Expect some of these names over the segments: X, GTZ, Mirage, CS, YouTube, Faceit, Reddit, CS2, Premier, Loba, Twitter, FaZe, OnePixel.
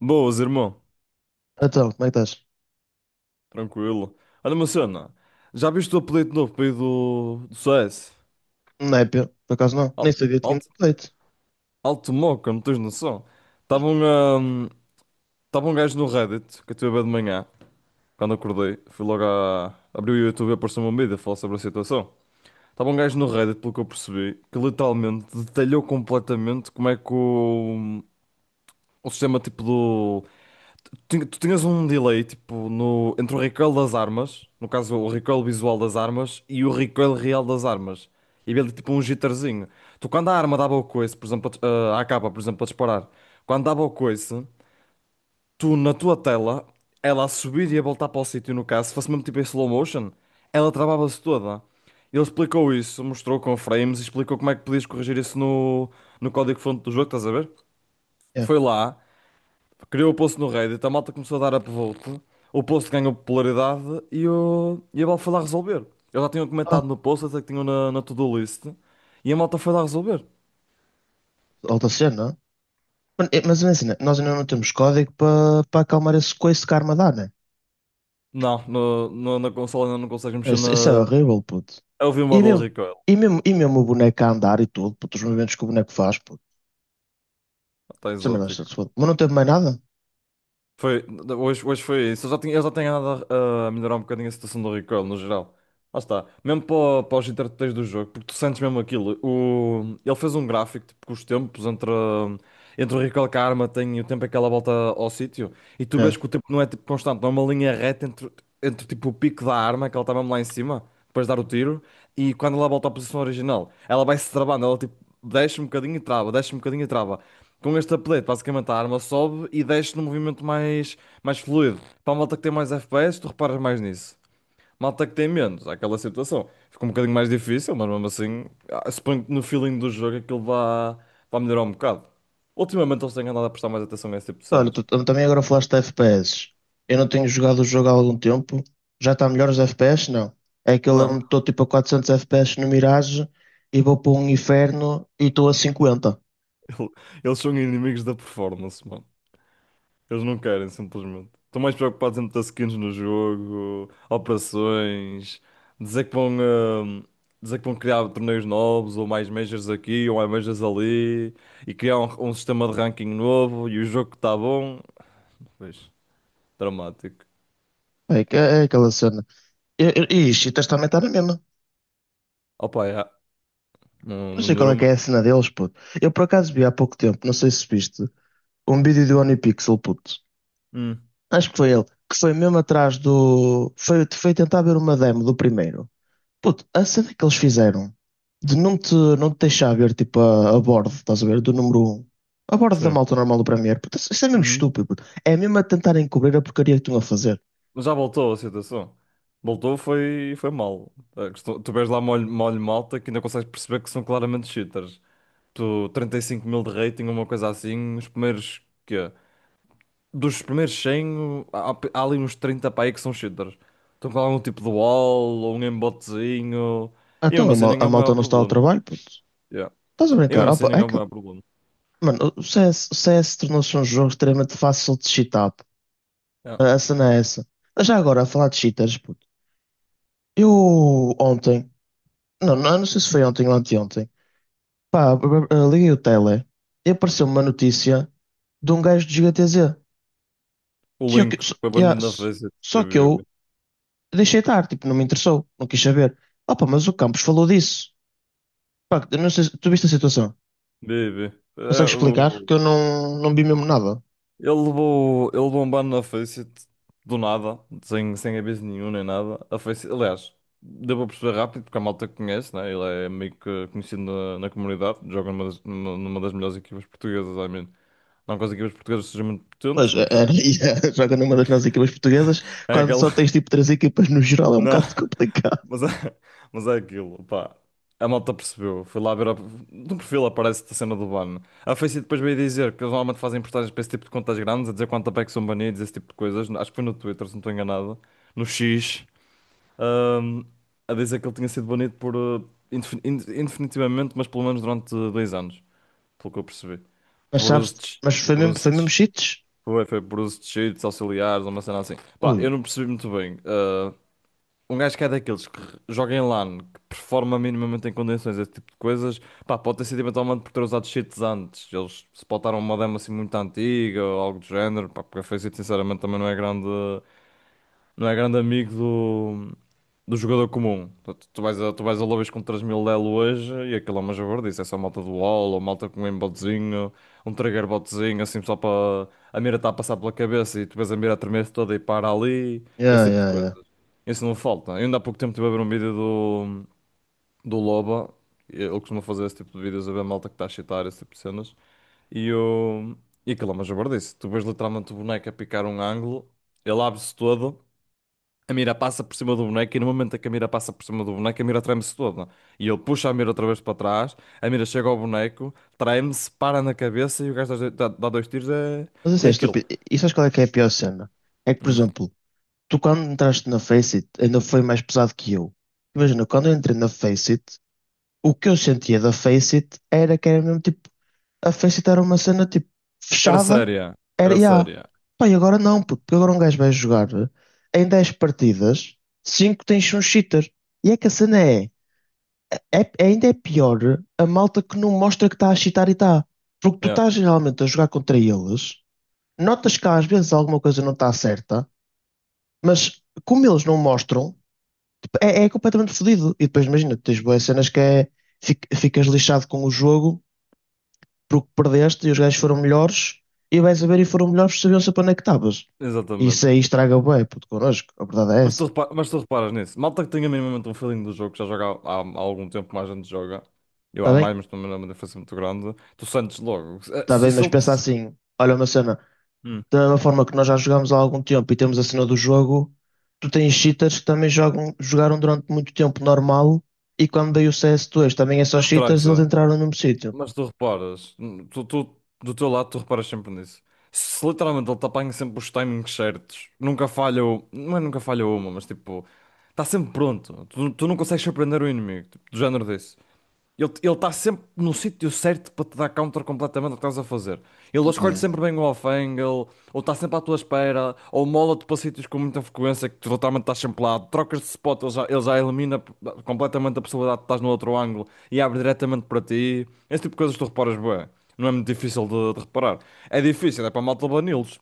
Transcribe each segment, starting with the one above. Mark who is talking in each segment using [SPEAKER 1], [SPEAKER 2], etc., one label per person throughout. [SPEAKER 1] Boas, irmão.
[SPEAKER 2] Então, como é que estás?
[SPEAKER 1] Tranquilo. Olha, uma cena. Já viste o apelido novo para aí do CS?
[SPEAKER 2] Não é, Pedro? Por acaso não. Nem
[SPEAKER 1] Al-
[SPEAKER 2] sabia que tínhamos
[SPEAKER 1] Alto,
[SPEAKER 2] update.
[SPEAKER 1] alto moca, não tens noção? Estava um, ahm, Tava um gajo no Reddit, que eu estive a ver de manhã, quando acordei. Abri o YouTube e apareceu uma mídia a falar sobre a situação. Estava um gajo no Reddit, pelo que eu percebi, que literalmente detalhou completamente como é que o sistema tipo do tu tinhas um delay tipo no entre o recoil das armas, no caso o recoil visual das armas e o recoil real das armas. E havia ali tipo um jitterzinho. Tu quando a arma dava o coice, por exemplo, a capa, por exemplo, a disparar, quando dava o coice, tu na tua tela, ela a subir e a voltar para o sítio, no caso, se fosse mesmo tipo em slow motion, ela travava-se toda. Ele explicou isso, mostrou com frames e explicou como é que podias corrigir isso no código-fonte do jogo, estás a ver?
[SPEAKER 2] É.
[SPEAKER 1] Foi lá. Criou o post no Reddit, a malta começou a dar upvote, o post ganhou popularidade e a malta foi lá resolver. Eu já tinha
[SPEAKER 2] Ah,
[SPEAKER 1] comentado no post, até que tinha na to-do list, e a malta foi lá resolver.
[SPEAKER 2] alta cena. Mas é assim, né? Nós ainda não temos código para acalmar esse coice que a arma dá, né?
[SPEAKER 1] Não, na consola ainda não consegues mexer na.
[SPEAKER 2] Isso é horrível, puto.
[SPEAKER 1] Eu vi o
[SPEAKER 2] E
[SPEAKER 1] model
[SPEAKER 2] mesmo,
[SPEAKER 1] recoil,
[SPEAKER 2] e mesmo o boneco a andar e tudo, puto, os movimentos que o boneco faz, puto.
[SPEAKER 1] está
[SPEAKER 2] Isso é merda, se
[SPEAKER 1] exótico.
[SPEAKER 2] foda. Mas não teve mais nada?
[SPEAKER 1] Foi, hoje foi isso, eu já tenho andado a melhorar um bocadinho a situação do recoil no geral. Lá está, mesmo para os interpretadores do jogo, porque tu sentes mesmo aquilo. O, ele fez um gráfico tipo, com os tempos entre. Entre o Recall Karma tem o tempo aquela volta ao sítio e tu vês que o
[SPEAKER 2] É.
[SPEAKER 1] tempo não é tipo constante, não é uma linha reta entre, entre tipo o pico da arma, que ela estava mesmo lá em cima, depois de dar o tiro, e quando ela volta à posição original, ela vai se travando, ela tipo desce um bocadinho e trava, desce um bocadinho e trava. Com este update, basicamente a arma sobe e desce num movimento mais fluido. Para a malta que tem mais FPS, tu reparas mais nisso. Malta que tem menos, há aquela situação. Ficou um bocadinho mais difícil, mas mesmo assim, ah, suponho que no feeling do jogo aquilo vá melhorar um bocado. Ultimamente eles têm andado a prestar mais atenção a esse tipo de
[SPEAKER 2] Olha,
[SPEAKER 1] cenas.
[SPEAKER 2] tu também agora falaste de FPS. Eu não tenho jogado o jogo há algum tempo. Já está melhor os FPS? Não. É que eu
[SPEAKER 1] Não,
[SPEAKER 2] lembro-me, estou tipo a 400 FPS no Mirage e vou para um inferno e estou a 50.
[SPEAKER 1] ele- eles são inimigos da performance, mano. Eles não querem, simplesmente. Estão mais preocupados em meter skins no jogo, operações, dizer que vão, ah, dizer que vão criar torneios novos, ou mais majors aqui, ou mais majors ali, e criar um sistema de ranking novo, e o jogo que está bom. Pois, dramático.
[SPEAKER 2] É, é aquela cena. E isto cheaters também está na mesma.
[SPEAKER 1] Opa, já. Não,
[SPEAKER 2] Não
[SPEAKER 1] não
[SPEAKER 2] sei qual
[SPEAKER 1] melhorou
[SPEAKER 2] é que é
[SPEAKER 1] muito.
[SPEAKER 2] a cena deles, puto. Eu por acaso vi há pouco tempo, não sei se viste, um vídeo do OnePixel, puto.
[SPEAKER 1] Hum.
[SPEAKER 2] Acho que foi ele. Que foi mesmo atrás do. Foi tentar ver uma demo do primeiro. Puto, a cena que eles fizeram de não te deixar ver tipo a bordo, estás a ver, do número um, a bordo da
[SPEAKER 1] Sim.
[SPEAKER 2] malta normal do Premier, puto, isso é mesmo
[SPEAKER 1] Uhum.
[SPEAKER 2] estúpido, puto. É mesmo a tentarem cobrir a porcaria que estão a fazer.
[SPEAKER 1] Mas já voltou a situação. Voltou, foi mal. É, que tu vês lá molho, molho malta que ainda consegues perceber que são claramente cheaters. Tu, 35.000 de rating, uma coisa assim, os primeiros, quê? Dos primeiros 100, há ali uns 30 para aí que são cheaters. Estão com algum tipo de wall, ou um embotezinho. E
[SPEAKER 2] Então
[SPEAKER 1] mesmo
[SPEAKER 2] a,
[SPEAKER 1] assim
[SPEAKER 2] mal-
[SPEAKER 1] nem
[SPEAKER 2] a
[SPEAKER 1] é o maior
[SPEAKER 2] malta não está ao
[SPEAKER 1] problema.
[SPEAKER 2] trabalho, puto.
[SPEAKER 1] Yeah.
[SPEAKER 2] Estás a
[SPEAKER 1] E
[SPEAKER 2] brincar?
[SPEAKER 1] mesmo assim
[SPEAKER 2] Opa,
[SPEAKER 1] nem
[SPEAKER 2] é
[SPEAKER 1] é o
[SPEAKER 2] que,
[SPEAKER 1] maior problema.
[SPEAKER 2] mano, o CS tornou-se um jogo extremamente fácil de cheatar, puto.
[SPEAKER 1] Yeah.
[SPEAKER 2] A cena é essa. Mas já agora, a falar de cheaters, puto. Eu ontem, não, não, não sei se foi ontem ou anteontem, pá, liguei o tele e apareceu uma notícia de um gajo de GTZ.
[SPEAKER 1] O Link
[SPEAKER 2] Só,
[SPEAKER 1] foi
[SPEAKER 2] yeah,
[SPEAKER 1] banido na face.
[SPEAKER 2] só que eu deixei estar, tipo, não me interessou, não quis saber. Opa, mas o Campos falou disso. Pá, eu não sei, tu viste a situação?
[SPEAKER 1] Vive. É,
[SPEAKER 2] Consegues explicar?
[SPEAKER 1] o-
[SPEAKER 2] Que eu não vi mesmo nada.
[SPEAKER 1] Ele levou um ban na Faceit do nada, sem aviso nenhum nem nada. A Faceit, aliás, deu para perceber rápido, porque a malta que conhece, né? Ele é meio que conhecido na comunidade, joga numa das melhores equipas portuguesas, I mean. Não que as equipas portuguesas sejam muito potentes,
[SPEAKER 2] Pois, é,
[SPEAKER 1] mas
[SPEAKER 2] é, e, é, joga numa das nossas equipas portuguesas,
[SPEAKER 1] é
[SPEAKER 2] quando
[SPEAKER 1] aquela.
[SPEAKER 2] só tens tipo três equipas no geral é um
[SPEAKER 1] Não.
[SPEAKER 2] bocado complicado.
[SPEAKER 1] Mas é, mas é aquilo, pá. A malta percebeu. Foi lá ver. A... No perfil aparece-te a cena do ban. A Faceit depois veio dizer que eles normalmente fazem portagens para esse tipo de contas grandes, a dizer quanto é que são banidos, esse tipo de coisas. Acho que foi no Twitter, se não estou enganado. No X. ahm, a dizer que ele tinha sido banido por, indefinitivamente, mas pelo menos durante 2 anos. Pelo que eu percebi.
[SPEAKER 2] Mas
[SPEAKER 1] Por
[SPEAKER 2] sabes,
[SPEAKER 1] uso de.
[SPEAKER 2] mas
[SPEAKER 1] Por uso
[SPEAKER 2] foi mesmo
[SPEAKER 1] de
[SPEAKER 2] cheats?
[SPEAKER 1] foi, foi por uso de cheats auxiliares, uma cena assim. Pá, eu
[SPEAKER 2] Ui,
[SPEAKER 1] não percebi muito bem. Um gajo que é daqueles que joga em LAN, que performa minimamente em condições, esse tipo de coisas, pá, pode ter sido eventualmente por ter usado cheats antes. Eles se botaram uma demo assim muito antiga ou algo do género, pá, porque a FaZe sinceramente também não é grande amigo do jogador comum. Tu vais a lobbies com 3.000 elo hoje e aquilo é uma javardice, é só malta do wall ou malta com um aimbotzinho, um trigger botzinho, assim só para a mira está a passar pela cabeça e tu vês a mira a tremer toda e para ali, esse
[SPEAKER 2] yeah,
[SPEAKER 1] tipo de
[SPEAKER 2] yeah,
[SPEAKER 1] coisa.
[SPEAKER 2] yeah.
[SPEAKER 1] Isso não falta. Eu ainda há pouco tempo estive a ver um vídeo do Loba. Ele costuma fazer esse tipo de vídeos, a ver malta que está a chitar, esse tipo de cenas. E, eu... e aquilo é uma jabardice. Tu vês literalmente o boneco a picar um ângulo, ele abre-se todo, a mira passa por cima do boneco e no momento em que a mira passa por cima do boneco, a mira treme-se toda. E ele puxa a mira outra vez para trás, a mira chega ao boneco, treme-se, para na cabeça e o gajo dá dois tiros e é...
[SPEAKER 2] Mas isso é
[SPEAKER 1] é aquilo.
[SPEAKER 2] estúpido. E sabes qual é que é a pior cena? É que, por
[SPEAKER 1] Hum.
[SPEAKER 2] exemplo, tu quando entraste na Faceit ainda foi mais pesado que eu. Imagina, quando eu entrei na Faceit. O que eu sentia da Face It era que era mesmo tipo, a Face It era uma cena tipo
[SPEAKER 1] Era
[SPEAKER 2] fechada,
[SPEAKER 1] séria.
[SPEAKER 2] era
[SPEAKER 1] Era
[SPEAKER 2] ya.
[SPEAKER 1] séria.
[SPEAKER 2] Pá, e agora não, puto, porque agora um gajo vai jogar em 10 partidas, 5 tens um cheater. E é que a cena é, ainda é pior a malta que não mostra que está a cheatar e está. Porque tu
[SPEAKER 1] Yeah,
[SPEAKER 2] estás geralmente a jogar contra eles, notas que às vezes alguma coisa não está certa, mas como eles não mostram, tipo, é completamente fodido. E depois imagina, tens boas cenas que é, ficas lixado com o jogo porque perdeste e os gajos foram melhores e vais a ver e foram melhores, sabiam-se para onde é que estavas.
[SPEAKER 1] exatamente.
[SPEAKER 2] Isso aí estraga o bué, puto, connosco. A verdade é
[SPEAKER 1] Mas tu,
[SPEAKER 2] essa.
[SPEAKER 1] repa- mas tu reparas nisso. Malta que tenha minimamente um feeling do jogo, que já joga há algum tempo, mais gente joga. Eu
[SPEAKER 2] Está
[SPEAKER 1] há mais,
[SPEAKER 2] bem?
[SPEAKER 1] mas também não é uma diferença muito grande. Tu sentes logo. Eh,
[SPEAKER 2] Está
[SPEAKER 1] Se,
[SPEAKER 2] bem,
[SPEAKER 1] se
[SPEAKER 2] mas
[SPEAKER 1] ele
[SPEAKER 2] pensa
[SPEAKER 1] te.
[SPEAKER 2] assim. Olha uma cena.
[SPEAKER 1] Hum.
[SPEAKER 2] Da mesma forma que nós já jogamos há algum tempo e temos a cena do jogo, tu tens cheaters que também jogam, jogaram durante muito tempo normal e quando veio o CS2 também é só
[SPEAKER 1] Não
[SPEAKER 2] cheaters, eles
[SPEAKER 1] interessa.
[SPEAKER 2] entraram no mesmo sítio.
[SPEAKER 1] Mas tu reparas. Do teu lado, tu reparas sempre nisso. Se literalmente ele te apanha sempre os timings certos. Nunca falha. Não é nunca falha uma, mas tipo. Está sempre pronto. Tu não consegues surpreender o inimigo. Tipo, do género disso. Ele está sempre no sítio certo para te dar counter completamente o que estás a fazer. Ele escolhe
[SPEAKER 2] Pá,
[SPEAKER 1] sempre bem o off-angle, ou está sempre à tua espera, ou mola-te para sítios com muita frequência que tu totalmente estás sempre lá. Trocas de spot, ele já elimina completamente a possibilidade de estás no outro ângulo e abre diretamente para ti. Esse tipo de coisas tu reparas bem. Não é muito difícil de reparar. É difícil, é para malta banilos.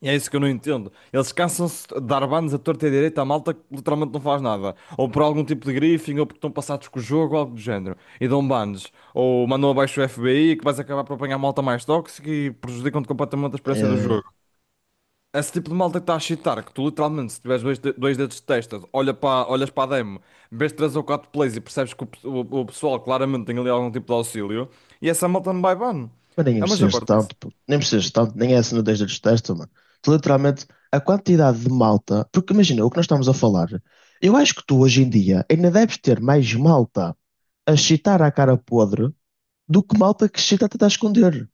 [SPEAKER 1] E é isso que eu não entendo. Eles cansam-se de dar bans a torta e à direita à malta que literalmente não faz nada. Ou por algum tipo de griefing, ou porque estão passados com o jogo, ou algo do género. E dão bans. Ou mandam abaixo o FBI, que vais acabar por apanhar malta mais tóxica e prejudicam-te completamente a
[SPEAKER 2] é-
[SPEAKER 1] experiência do
[SPEAKER 2] é,
[SPEAKER 1] jogo. Esse tipo de malta que está a chitar, que tu literalmente, se tiveres dois dedos de testa, olhas para a demo, vês três ou quatro plays e percebes que o pessoal claramente tem ali algum tipo de auxílio, e essa malta não vai ban.
[SPEAKER 2] mas nem
[SPEAKER 1] É uma
[SPEAKER 2] precisas de
[SPEAKER 1] jabardice.
[SPEAKER 2] tanto, pô. Nem precisas de tanto, nem é assim no desde dos testes, mano. Tu, literalmente, a quantidade de malta. Porque imagina, o que nós estamos a falar. Eu acho que tu hoje em dia ainda deves ter mais malta a chitar à cara podre do que malta que chita a tentar esconder.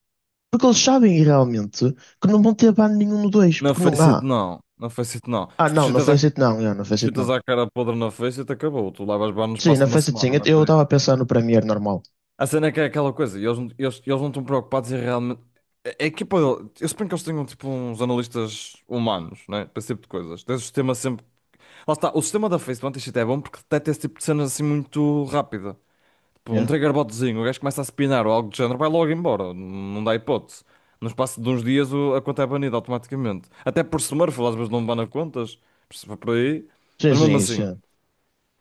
[SPEAKER 2] Porque eles sabem realmente que não vão ter ban nenhum no 2
[SPEAKER 1] Na
[SPEAKER 2] porque não
[SPEAKER 1] Faceit
[SPEAKER 2] há.
[SPEAKER 1] não, na Faceit não.
[SPEAKER 2] Ah,
[SPEAKER 1] Se tu
[SPEAKER 2] não, não
[SPEAKER 1] chitas
[SPEAKER 2] fez it não, yeah, não
[SPEAKER 1] os
[SPEAKER 2] fez it
[SPEAKER 1] fitas
[SPEAKER 2] não.
[SPEAKER 1] à cara podre na face e te acabou. Tu levas banho no
[SPEAKER 2] Sim,
[SPEAKER 1] espaço de
[SPEAKER 2] não
[SPEAKER 1] uma
[SPEAKER 2] fez it sim.
[SPEAKER 1] semana, não é
[SPEAKER 2] Eu
[SPEAKER 1] por aí.
[SPEAKER 2] estava a pensar no Premiere normal.
[SPEAKER 1] A cena é que é aquela coisa, e eles, não- eles não estão preocupados em realmente. A equipa, eu suponho que eles tenham tipo uns analistas humanos, né? Para esse tipo de coisas. Tem o sistema sempre. Lá está, o sistema da Face do anti-cheat é bom porque detecta esse tipo de cenas assim muito rápida. Tipo, um
[SPEAKER 2] Yeah.
[SPEAKER 1] triggerbotzinho, o gajo começa a spinar ou algo do género, vai logo embora. Não dá hipótese. No espaço de uns dias o- a conta é banida automaticamente. Até por Smurf, às vezes não bana contas, por aí.
[SPEAKER 2] Sim,
[SPEAKER 1] Mas
[SPEAKER 2] sim,
[SPEAKER 1] mesmo
[SPEAKER 2] isso,
[SPEAKER 1] assim.
[SPEAKER 2] yeah.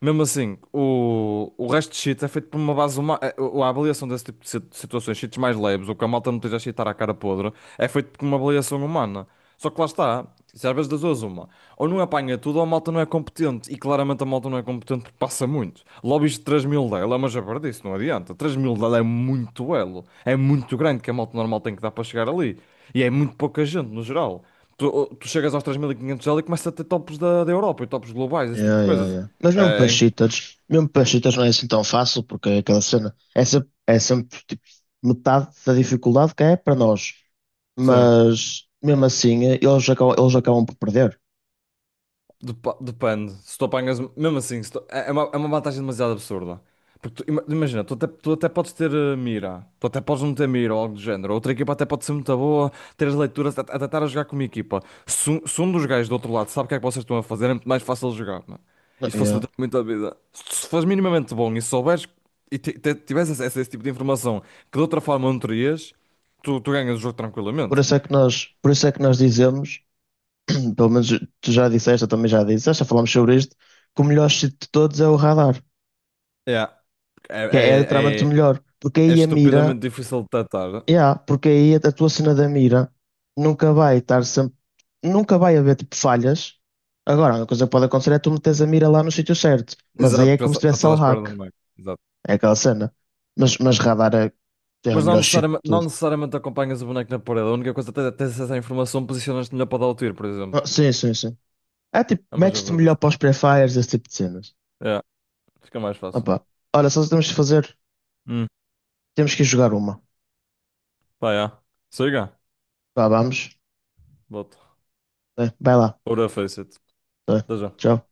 [SPEAKER 1] Mesmo assim, o resto de cheats é feito por uma base humana. A avaliação desse tipo de si- situações, cheats mais leves, ou que a malta não esteja a cheatar à cara podre, é feito por uma avaliação humana. Só que lá está, isso às vezes das duas uma. Ou não apanha tudo, ou a malta não é competente. E claramente a malta não é competente porque passa muito. Lobbies de 3.000 dela é uma jabardice, não adianta. 3.000 dela é muito elo. É muito grande que a malta normal tem que dar para chegar ali. E é muito pouca gente, no geral. Tu, tu chegas aos 3.500 dela e 500 elo e começas a ter tops da, da Europa e tops globais, esse tipo de
[SPEAKER 2] Yeah, yeah,
[SPEAKER 1] coisas.
[SPEAKER 2] yeah. Mas mesmo para
[SPEAKER 1] É, em-
[SPEAKER 2] cheaters, mesmo para cheaters não é assim tão fácil, porque é aquela cena, é sempre tipo, metade da dificuldade que é para nós.
[SPEAKER 1] sim.
[SPEAKER 2] Mas mesmo assim, eles acabam por perder.
[SPEAKER 1] Depende. Se tu apanhas. Mesmo assim, se tu- é é uma vantagem demasiado absurda. Porque tu ima- imagina, tu até podes não ter mira ou algo do género. Outra equipa até pode ser muito boa, ter as leituras, até estar a jogar com uma equipa. Se um dos gajos do outro lado sabe o que é que vocês estão a fazer, é muito mais fácil de jogar, mano. Isto
[SPEAKER 2] Yeah.
[SPEAKER 1] facilita muito a vida. Se fores minimamente bom e souberes e tiveres acesso a esse tipo de informação que de outra forma não terias, tu ganhas o jogo
[SPEAKER 2] Por
[SPEAKER 1] tranquilamente.
[SPEAKER 2] isso é que nós, por isso é que nós dizemos, pelo menos tu já disseste, eu também já disse, já falámos sobre isto, que o melhor sítio de todos é o radar,
[SPEAKER 1] É,
[SPEAKER 2] que é literalmente
[SPEAKER 1] é,
[SPEAKER 2] o
[SPEAKER 1] é.
[SPEAKER 2] melhor, porque
[SPEAKER 1] É
[SPEAKER 2] aí a mira,
[SPEAKER 1] estupidamente difícil de detectar.
[SPEAKER 2] yeah, porque aí a tua cena da mira nunca vai estar sempre, nunca vai haver tipo falhas. Agora, uma coisa que pode acontecer é tu meteres a mira lá no sítio certo, mas aí
[SPEAKER 1] Exato,
[SPEAKER 2] é
[SPEAKER 1] já,
[SPEAKER 2] como se
[SPEAKER 1] sa- já
[SPEAKER 2] tivesse
[SPEAKER 1] estás
[SPEAKER 2] al
[SPEAKER 1] à espera do
[SPEAKER 2] hack,
[SPEAKER 1] boneco. Exato.
[SPEAKER 2] é aquela cena. Mas radar é o
[SPEAKER 1] Mas não
[SPEAKER 2] melhor sítio
[SPEAKER 1] necessariamente,
[SPEAKER 2] de
[SPEAKER 1] não
[SPEAKER 2] tudo.
[SPEAKER 1] necessariamente acompanhas o boneco na parede. A única coisa é ter acesso à informação, posicionas-te melhor para dar o tiro, por exemplo.
[SPEAKER 2] Ah, sim, sim, sim. É tipo,
[SPEAKER 1] É a
[SPEAKER 2] metes-te melhor
[SPEAKER 1] verdade.
[SPEAKER 2] para os pré-fires, esse tipo de cenas.
[SPEAKER 1] É, fica mais fácil.
[SPEAKER 2] Opa. Olha, só temos que fazer.
[SPEAKER 1] Hum,
[SPEAKER 2] Temos que ir jogar uma.
[SPEAKER 1] pá, já. Siga.
[SPEAKER 2] Vá, vamos.
[SPEAKER 1] Volto.
[SPEAKER 2] Vai lá.
[SPEAKER 1] Ora, Face it.
[SPEAKER 2] Tá bem.
[SPEAKER 1] Até já.
[SPEAKER 2] Tchau.